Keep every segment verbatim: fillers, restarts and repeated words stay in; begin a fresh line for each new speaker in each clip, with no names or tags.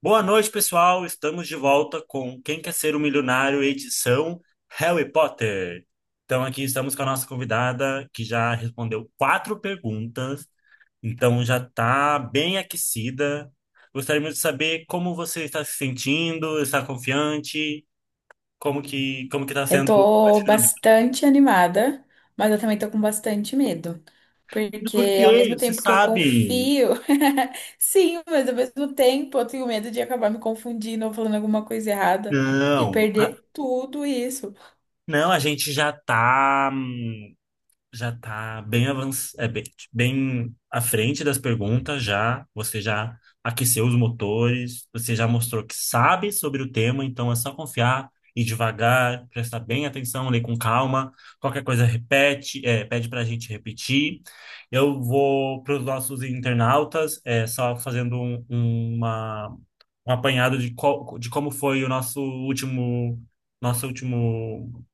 Boa noite, pessoal. Estamos de volta com Quem Quer Ser um Milionário, edição Harry Potter. Então, aqui estamos com a nossa convidada, que já respondeu quatro perguntas, então já está bem aquecida. Gostaríamos de saber como você está se sentindo, está confiante, como que como que está
Eu
sendo
tô
esse momento.
bastante animada, mas eu também tô com bastante medo.
Por
Porque ao
quê?
mesmo
Você
tempo que eu
sabe?
confio, sim, mas ao mesmo tempo eu tenho medo de acabar me confundindo ou falando alguma coisa errada e
Não,
perder tudo isso.
não, a gente já está. Já está bem avanç... é, bem, bem à frente das perguntas já. Você já aqueceu os motores, você já mostrou que sabe sobre o tema, então é só confiar, ir devagar, prestar bem atenção, ler com calma. Qualquer coisa repete, é, pede para a gente repetir. Eu vou para os nossos internautas, é, só fazendo um, uma, um apanhado de, co... de como foi o nosso último, nosso último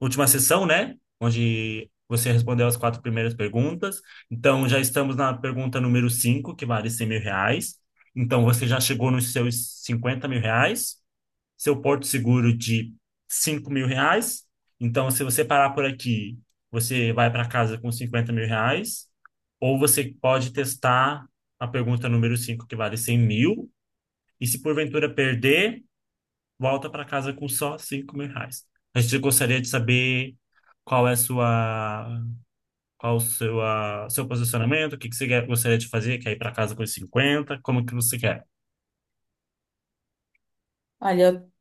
última sessão, né? Onde você respondeu as quatro primeiras perguntas. Então, já estamos na pergunta número cinco, que vale cem mil reais. Então, você já chegou nos seus cinquenta mil reais, seu porto seguro de cinco mil reais. Então, se você parar por aqui, você vai para casa com cinquenta mil reais. Ou você pode testar a pergunta número cinco, que vale cem mil. E se porventura perder, volta para casa com só cinco mil reais. A gente gostaria de saber qual é a sua, qual o seu, a- seu posicionamento, o que que você quer- gostaria de fazer, quer ir para casa com os cinquenta, como que você quer?
Olha, eu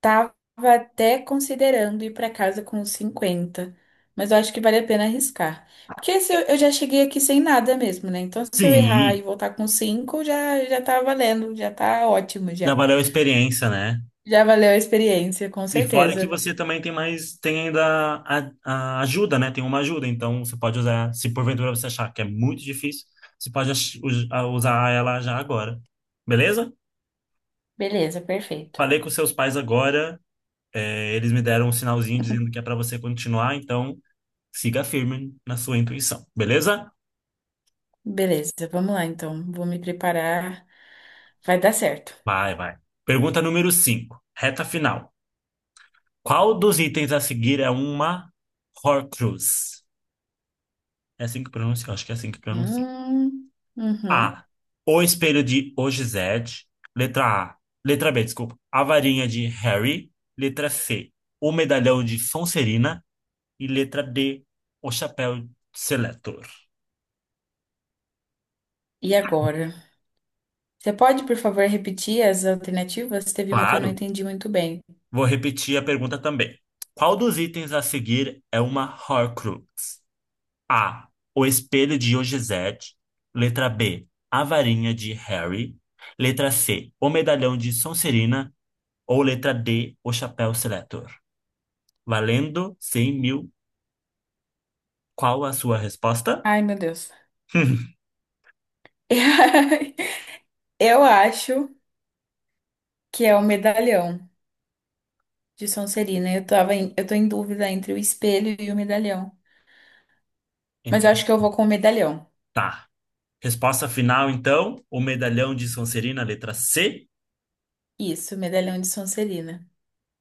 tava até considerando ir pra casa com os cinquenta, mas eu acho que vale a pena arriscar. Porque se eu, eu já cheguei aqui sem nada mesmo, né? Então se eu errar
Sim,
e voltar com cinco, já, já tá valendo, já tá ótimo.
já valeu a experiência, né?
Já valeu a experiência, com
E fora que
certeza.
você também tem mais, tem ainda a, a ajuda, né? Tem uma ajuda, então você pode usar, se porventura você achar que é muito difícil, você pode ach- us- a- usar ela já agora. Beleza?
Beleza, perfeito.
Falei com seus pais agora. É, eles me deram um sinalzinho dizendo que é para você continuar, então siga firme na sua intuição, beleza?
Beleza, vamos lá então. Vou me preparar. Vai dar certo.
Vai, vai. Pergunta número cinco. Reta final. Qual dos itens a seguir é uma Horcrux? É assim que pronuncia? Eu acho que é assim que pronuncia.
Hum, uhum.
A. O espelho de Ogized. Letra A. Letra B, desculpa. A varinha de Harry. Letra C. O medalhão de Sonserina. E letra D. O chapéu de Seletor.
E agora? Você pode, por favor, repetir as alternativas? Teve uma que eu não
Claro.
entendi muito bem.
Vou repetir a pergunta também. Qual dos itens a seguir é uma Horcrux? A. O espelho de Ogizete. Letra B. A varinha de Harry. Letra C. O medalhão de Sonserina. Ou letra D. O chapéu seletor. Valendo cem mil. Qual a sua resposta?
Ai, meu Deus. Eu acho que é o medalhão de Sonserina. Eu tava em, eu tô em dúvida entre o espelho e o medalhão. Mas
Entre-
eu acho que eu vou com o medalhão.
Tá. Resposta final, então. O medalhão de Sonserina, letra C.
Isso, medalhão de Sonserina.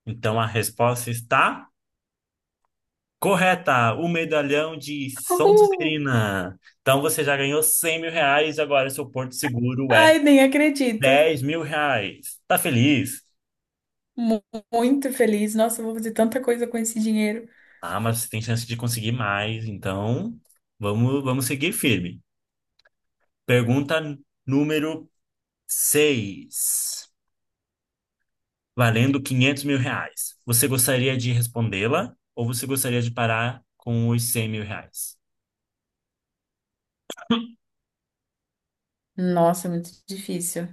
Então a resposta está correta, o medalhão de
Uhul!
Sonserina. Então você já ganhou cem mil reais, agora seu porto seguro é
Ai, nem acredito.
dez mil reais. Tá feliz?
Mu- Muito feliz. Nossa, eu vou fazer tanta coisa com esse dinheiro.
Ah, mas você tem chance de conseguir mais, então vamos, vamos seguir firme. Pergunta número seis, valendo quinhentos mil reais. Você gostaria de respondê-la ou você gostaria de parar com os cem mil reais?
Nossa, é muito difícil.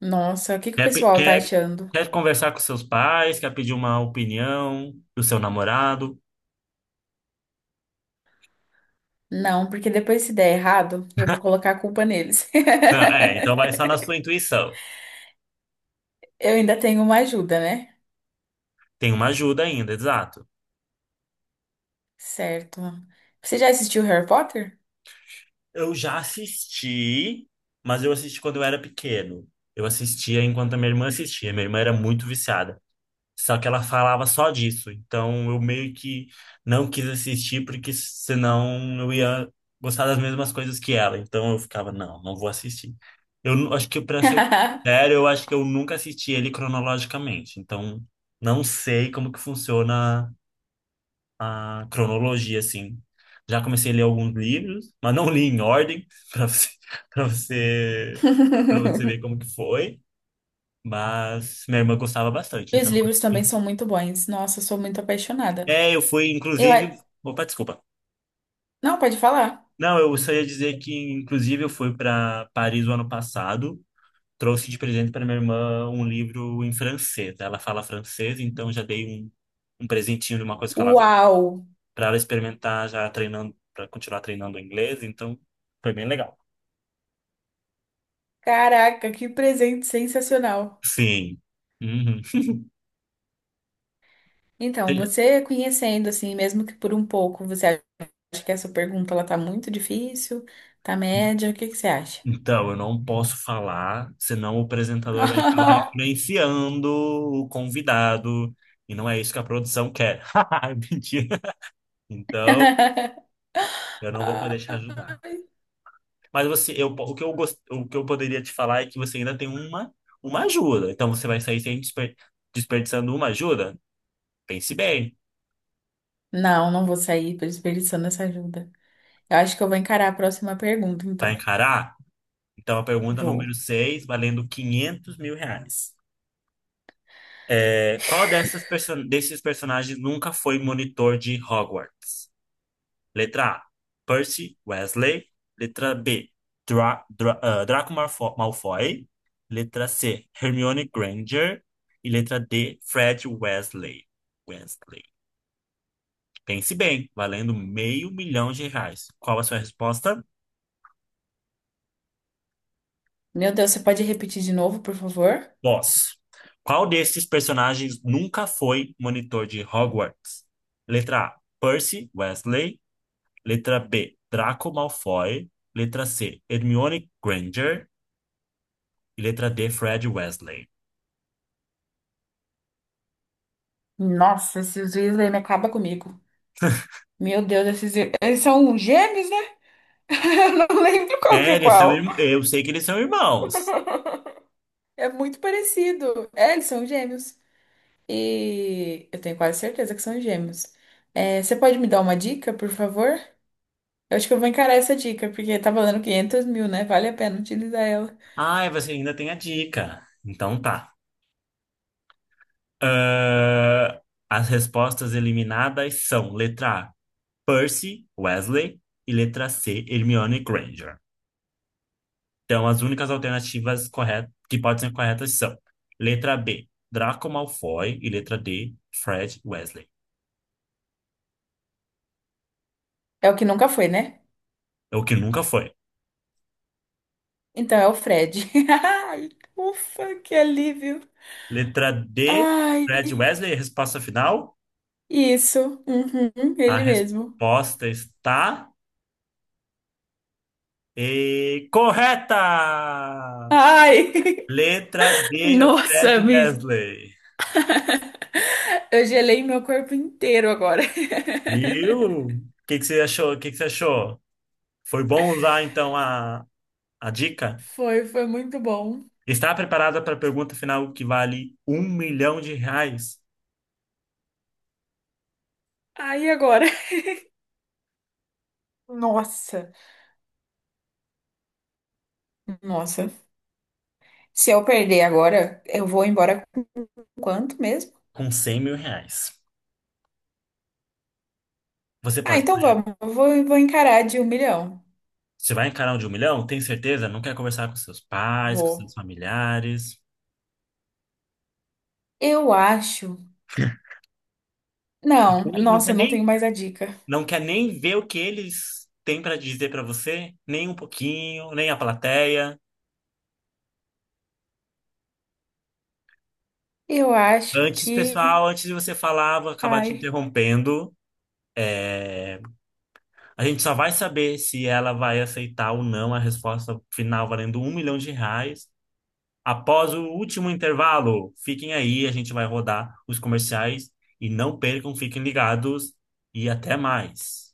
Nossa, o que que o
Quer, pe-
pessoal tá
quer,
achando?
quer conversar com seus pais? Quer pedir uma opinião do seu namorado?
Não, porque depois se der errado, eu vou colocar a culpa neles.
Não, é, então vai só na sua intuição.
Eu ainda tenho uma ajuda, né?
Tem uma ajuda ainda, exato.
Certo. Você já assistiu Harry Potter?
Eu já assisti, mas eu assisti quando eu era pequeno. Eu assistia enquanto a minha irmã assistia. Minha irmã era muito viciada. Só que ela falava só disso. Então eu meio que não quis assistir, porque senão eu ia gostar das mesmas coisas que ela. Então eu ficava, não, não vou assistir. Eu nu- acho que, pra ser sério, eu acho que eu nunca assisti ele cronologicamente. Então não sei como que funciona a cronologia, assim. Já comecei a ler alguns livros, mas não li em ordem, para você, para você, para você ver como que foi. Mas minha irmã gostava bastante,
E os
então.
livros também são muito bons. Nossa, eu sou muito apaixonada.
É, eu fui,
Eu.
inclusive.
a-
Opa, desculpa.
Não, pode falar.
Não, eu só ia dizer que, inclusive, eu fui para Paris o ano passado. Trouxe de presente para minha irmã um livro em francês. Ela fala francês, então já dei um, um presentinho de uma coisa que ela gosta
Uau!
para ela experimentar, já treinando, para continuar treinando o inglês. Então, foi bem legal.
Caraca, que presente sensacional!
Sim. Uhum.
Então,
E-
você conhecendo assim, mesmo que por um pouco, você acha que essa pergunta ela tá muito difícil, tá média, o que que você acha?
Então, eu não posso falar, senão o apresentador vai acabar influenciando o convidado. E não é isso que a produção quer. Mentira. Então, eu não vou poder te ajudar. Mas você, eu, o que eu gost, o que eu poderia te falar é que você ainda tem uma, uma ajuda. Então você vai sair sem desper- desperdiçando uma ajuda? Pense bem,
Não, não vou sair desperdiçando essa ajuda. Eu acho que eu vou encarar a próxima pergunta,
vai
então.
encarar? Então a pergunta
Vou.
número seis, valendo quinhentos mil reais. É, qual dessas perso desses personagens nunca foi monitor de Hogwarts? Letra A, Percy Wesley. Letra B, Dra Dra ah, Draco Malfo- Malfoy. Letra C, Hermione Granger. E letra D, Fred Wesley. Wesley. Pense bem, valendo meio milhão de reais. Qual a sua resposta?
Meu Deus, você pode repetir de novo, por favor?
Boss. Qual desses personagens nunca foi monitor de Hogwarts? Letra A, Percy Wesley. Letra B, Draco Malfoy. Letra C, Hermione Granger. E letra D, Fred Wesley.
Nossa, esses Weasley me acaba comigo. Meu Deus, esses... eles são gêmeos, né? Eu não lembro qual que
É,
é
eles são,
qual.
irm- eu sei que eles são irmãos.
É muito parecido. É, eles são gêmeos. E eu tenho quase certeza que são gêmeos. É, você pode me dar uma dica, por favor? Eu acho que eu vou encarar essa dica, porque tá valendo quinhentos mil, né? Vale a pena utilizar ela.
Ai, você ainda tem a dica. Então tá. Ah, as respostas eliminadas são letra A, Percy Wesley e letra C, Hermione Granger. Então as únicas alternativas corretas que podem ser corretas são letra B, Draco Malfoy e letra D, Fred Wesley.
É o que nunca foi, né?
É o que nunca foi.
Então é o Fred. Ai, ufa, que alívio.
Letra D,
Ai,
Fred Wesley, resposta final.
isso. Uhum,
A
ele mesmo.
resposta está E correta!
Ai,
Letra D,
nossa,
Fred
me...
Wesley.
eu gelei meu corpo inteiro agora.
Viu? O que que você achou? O que que você achou? Foi bom usar então a, a dica?
Foi, foi muito bom.
Está preparada para a pergunta final que vale um milhão de reais
Ai, e agora? Nossa, nossa. Se eu perder agora, eu vou embora com quanto mesmo?
com cem mil reais? Você
Ah,
pode
então
sair.
vamos. Eu vou, vou encarar de um milhão.
Você vai encarar um de um milhão? Tem certeza? Não quer conversar com seus pais, com seus
Vou.
familiares?
Eu acho. Não,
Nem- Não
nossa,
quer
eu não tenho
nem,
mais a dica.
não quer nem ver o que eles têm para dizer para você? Nem um pouquinho, nem a plateia.
Eu acho
Antes,
que.
pessoal, antes de você falar, vou acabar te
Ai.
interrompendo. A gente só vai saber se ela vai aceitar ou não a resposta final valendo um milhão de reais após o último intervalo. Fiquem aí, a gente vai rodar os comerciais e não percam, fiquem ligados e até mais.